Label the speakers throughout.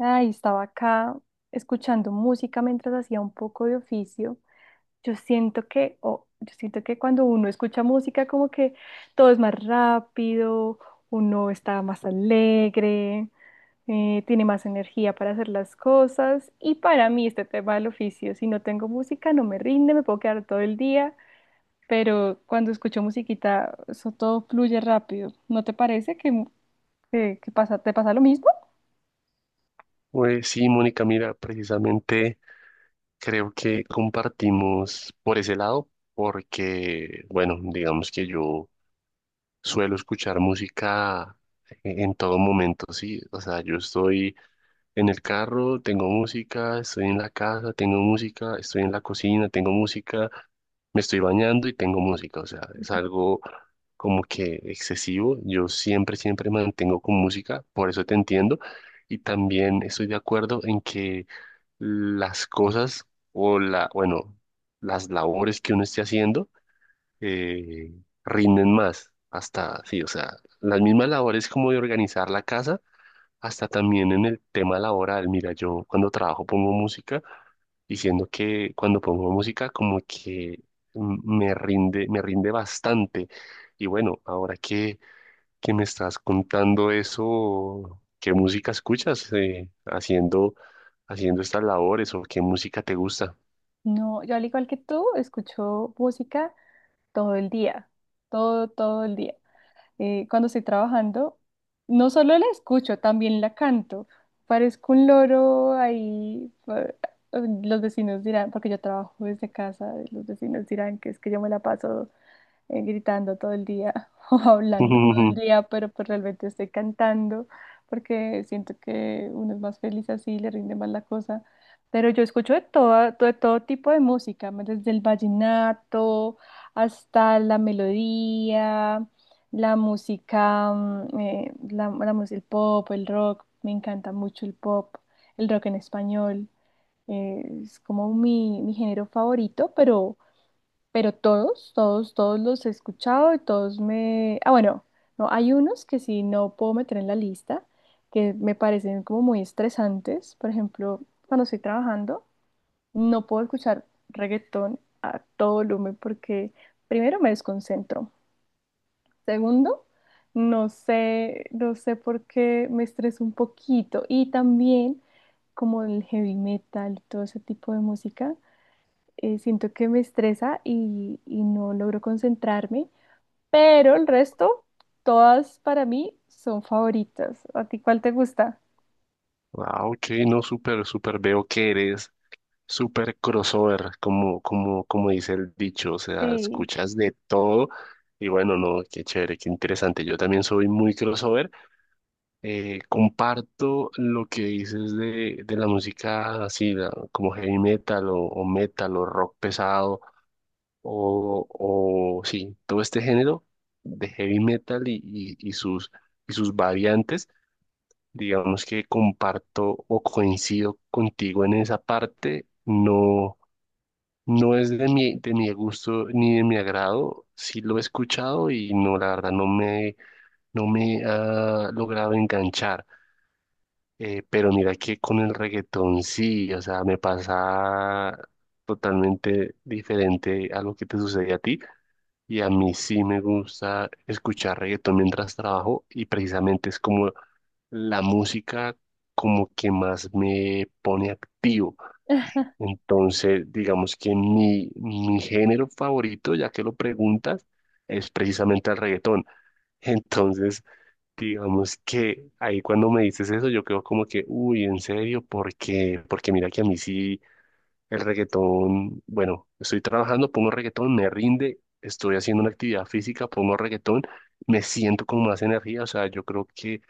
Speaker 1: Ay, estaba acá escuchando música mientras hacía un poco de oficio. Yo siento que, o yo siento que cuando uno escucha música como que todo es más rápido, uno está más alegre, tiene más energía para hacer las cosas. Y para mí este tema del oficio, si no tengo música no me rinde, me puedo quedar todo el día, pero cuando escucho musiquita eso todo fluye rápido. ¿No te parece que, que pasa, te pasa lo mismo?
Speaker 2: Pues sí, Mónica, mira, precisamente creo que compartimos por ese lado. Porque, bueno, digamos que yo suelo escuchar música en todo momento, sí, o sea, yo estoy en el carro, tengo música, estoy en la casa, tengo música, estoy en la cocina, tengo música, me estoy bañando y tengo música. O sea, es algo como que excesivo. Yo siempre, siempre mantengo con música, por eso te entiendo. Y también estoy de acuerdo en que las cosas o la, bueno, las labores que uno esté haciendo eh, rinden más. Hasta, sí, o sea, las mismas labores como de organizar la casa hasta también en el tema laboral. Mira, yo cuando trabajo pongo música, diciendo que cuando pongo música como que me rinde bastante. Y bueno, ahora que me estás contando eso, ¿qué música escuchas haciendo, haciendo estas labores o qué música te gusta?
Speaker 1: No, yo al igual que tú, escucho música todo el día, todo, todo el día. Cuando estoy trabajando, no solo la escucho, también la canto. Parezco un loro ahí. Los vecinos dirán, porque yo trabajo desde casa, los vecinos dirán que es que yo me la paso gritando todo el día o hablando todo el día, pero pues realmente estoy cantando porque siento que uno es más feliz así, le rinde más la cosa. Pero yo escucho de de todo tipo de música, desde el vallenato hasta la melodía, la música, el pop, el rock, me encanta mucho el pop, el rock en español, es como mi género favorito, pero todos, todos, todos los he escuchado y todos me... Ah, bueno, no, hay unos que sí no puedo meter en la lista, que me parecen como muy estresantes. Por ejemplo, cuando estoy trabajando, no puedo escuchar reggaetón a todo volumen porque primero me desconcentro. Segundo, no sé, no sé por qué me estreso un poquito. Y también como el heavy metal y todo ese tipo de música siento que me estresa y no logro concentrarme, pero el resto, todas para mí son favoritas. ¿A ti cuál te gusta?
Speaker 2: Ah, ok, no, súper, súper veo que eres súper crossover, como dice el dicho, o sea,
Speaker 1: Sí.
Speaker 2: escuchas de todo y bueno, no, qué chévere, qué interesante. Yo también soy muy crossover. Comparto lo que dices de la música así, como heavy metal o metal o rock pesado o, o sí, todo este género de heavy metal y, y sus variantes. Digamos que comparto o coincido contigo en esa parte. No. No es de mi gusto ni de mi agrado. Sí lo he escuchado y no, la verdad, no me, no me ha logrado enganchar. Pero mira que con el reggaetón sí, o sea, me pasa totalmente diferente a lo que te sucede a ti. Y a mí sí me gusta escuchar reggaetón mientras trabajo y precisamente es como la música como que más me pone activo. Entonces, digamos que mi género favorito, ya que lo preguntas, es precisamente el reggaetón. Entonces, digamos que ahí cuando me dices eso, yo quedo como que, uy, en serio, porque, porque mira que a mí sí el reggaetón, bueno, estoy trabajando, pongo reggaetón, me rinde, estoy haciendo una actividad física, pongo reggaetón, me siento con más energía, o sea, yo creo que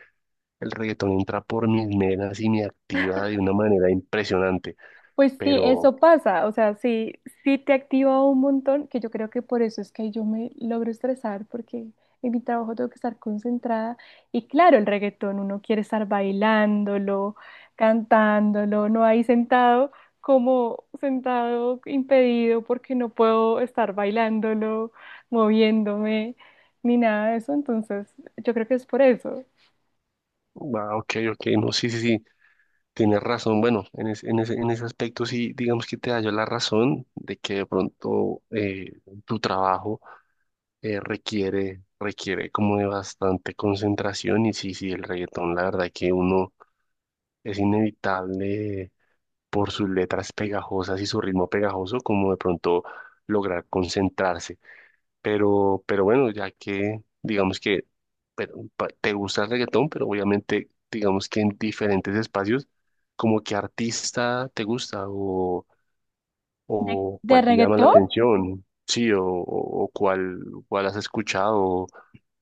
Speaker 2: el reggaetón entra por mis venas y me activa de una manera impresionante,
Speaker 1: Pues sí,
Speaker 2: pero
Speaker 1: eso pasa, o sea, sí, sí te activa un montón, que yo creo que por eso es que yo me logro estresar, porque en mi trabajo tengo que estar concentrada. Y claro, el reggaetón, uno quiere estar bailándolo, cantándolo, no ahí sentado, como sentado impedido, porque no puedo estar bailándolo, moviéndome, ni nada de eso. Entonces, yo creo que es por eso.
Speaker 2: ah, ok, ok, no, sí, sí, sí, tienes razón. Bueno, en, en ese aspecto sí, digamos que te hallo la razón de que de pronto tu trabajo requiere, requiere como de bastante concentración y sí, sí, el reggaetón, la verdad que uno es inevitable por sus letras pegajosas y su ritmo pegajoso, como de pronto lograr concentrarse. Pero bueno, ya que digamos que pero, te gusta el reggaetón, pero obviamente digamos que en diferentes espacios, como qué artista te gusta o
Speaker 1: ¿De
Speaker 2: cuál te llama la
Speaker 1: reggaetón?
Speaker 2: atención, sí, o cuál, cuál has escuchado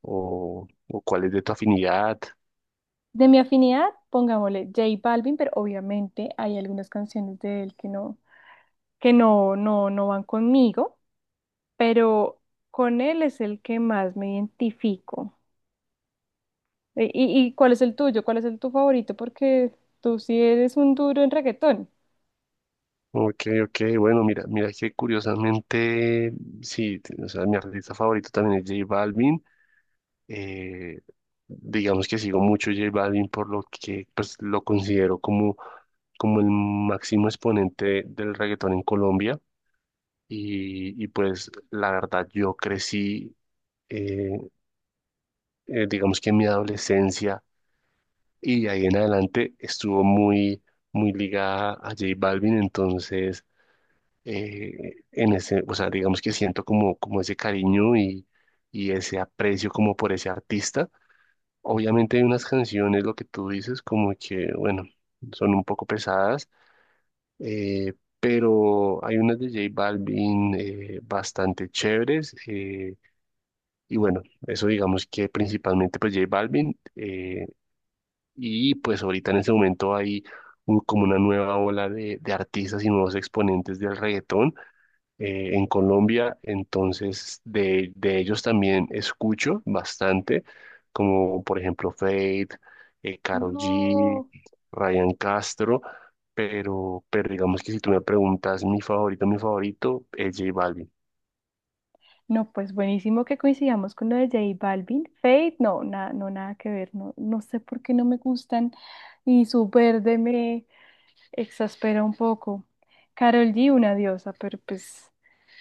Speaker 2: o cuál es de tu afinidad.
Speaker 1: De mi afinidad, pongámosle J Balvin, pero obviamente hay algunas canciones de él que no, no van conmigo, pero con él es el que más me identifico. Y cuál es el tuyo? ¿Cuál es el tu favorito? Porque tú sí eres un duro en reggaetón.
Speaker 2: Ok, ok, bueno, mira, mira que curiosamente, sí, o sea, mi artista favorito también es J Balvin. Eh, digamos que sigo mucho J Balvin por lo que pues, lo considero como, como el máximo exponente del reggaetón en Colombia. Y, pues la verdad, yo crecí, eh, digamos que en mi adolescencia y de ahí en adelante estuvo muy, muy ligada a J Balvin. Entonces, en ese, o sea, digamos que siento como, como ese cariño y ese aprecio como por ese artista. Obviamente hay unas canciones, lo que tú dices, como que, bueno, son un poco pesadas, eh, pero hay unas de J Balvin bastante chéveres. Y bueno, eso digamos que principalmente pues J Balvin. Y pues ahorita en ese momento hay como una nueva ola de artistas y nuevos exponentes del reggaetón en Colombia, entonces de ellos también escucho bastante, como por ejemplo Fate, Karol G,
Speaker 1: No.
Speaker 2: Ryan Castro, pero digamos que si tú me preguntas mi favorito es J Balvin.
Speaker 1: No, pues buenísimo que coincidamos con lo de J Balvin. Fate, no, nada, no, nada que ver. No, no sé por qué no me gustan. Y su verde me, exaspera un poco. Carol G, una diosa, pero pues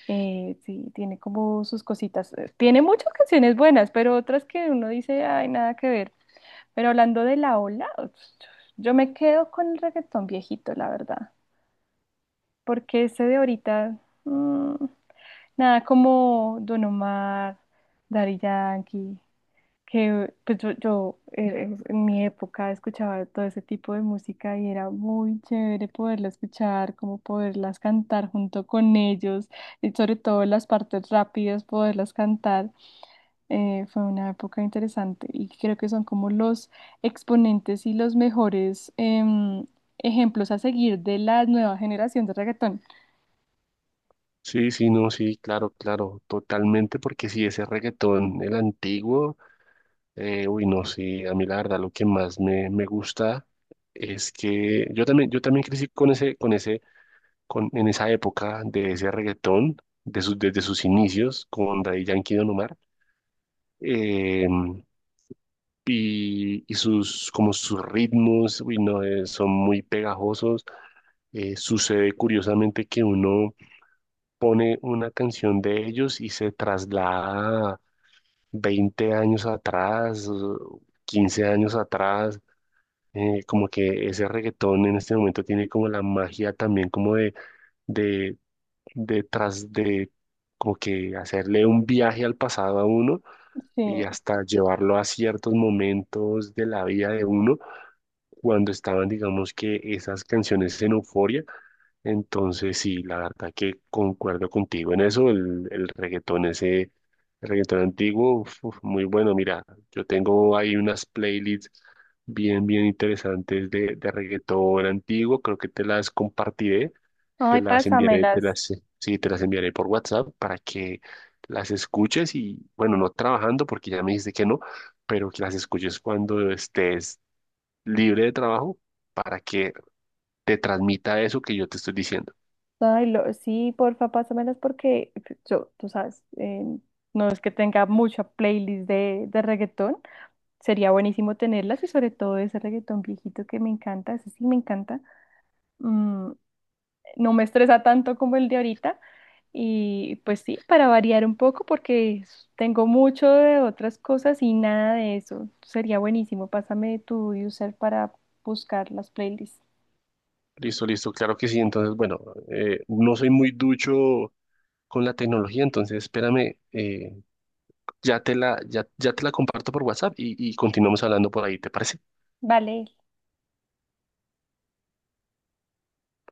Speaker 1: sí, tiene como sus cositas. Tiene muchas canciones buenas, pero otras que uno dice, ay, nada que ver. Pero hablando de la ola, yo me quedo con el reggaetón viejito, la verdad, porque ese de ahorita, mm, nada como Don Omar, Daddy Yankee, que pues en mi época escuchaba todo ese tipo de música y era muy chévere poderla escuchar, como poderlas cantar junto con ellos y sobre todo las partes rápidas, poderlas cantar. Fue una época interesante y creo que son como los exponentes y los mejores ejemplos a seguir de la nueva generación de reggaetón.
Speaker 2: Sí, sí, no, sí, claro, claro, totalmente, porque si ese reggaetón, el antiguo, uy, no, sí, a mí la verdad lo que más me, me gusta es que yo también crecí con ese, con ese con, en esa época de ese reggaetón, desde sus inicios con Daddy Yankee y Don Omar, eh, y, como sus ritmos, uy, no, son muy pegajosos. Sucede curiosamente que uno pone una canción de ellos y se traslada 20 años atrás, o 15 años atrás. Como que ese reggaetón en este momento tiene como la magia también como de, detrás de como que hacerle un viaje al pasado a uno
Speaker 1: Sí.
Speaker 2: y hasta llevarlo a ciertos momentos de la vida de uno cuando estaban, digamos que esas canciones en euforia. Entonces, sí, la verdad que concuerdo contigo en eso, el reggaetón ese, el reggaetón antiguo, uf, uf, muy bueno. Mira, yo tengo ahí unas playlists bien, bien interesantes de reggaetón antiguo, creo que te las compartiré, te
Speaker 1: Ay,
Speaker 2: las enviaré, te
Speaker 1: pásamelas.
Speaker 2: las, sí, te las enviaré por WhatsApp para que las escuches y, bueno, no trabajando porque ya me dijiste que no, pero que las escuches cuando estés libre de trabajo para que te transmita eso que yo te estoy diciendo.
Speaker 1: Ay, sí, porfa, pásamelas porque yo, tú sabes, no es que tenga mucha playlist de reggaetón. Sería buenísimo tenerlas y sobre todo ese reggaetón viejito que me encanta, ese sí me encanta. Mm, no me estresa tanto como el de ahorita. Y pues sí, para variar un poco porque tengo mucho de otras cosas y nada de eso. Sería buenísimo. Pásame tu user para buscar las playlists.
Speaker 2: Listo, listo, claro que sí. Entonces, bueno, no soy muy ducho con la tecnología, entonces espérame, ya te la, ya, ya te la comparto por WhatsApp y continuamos hablando por ahí, ¿te parece?
Speaker 1: Vale.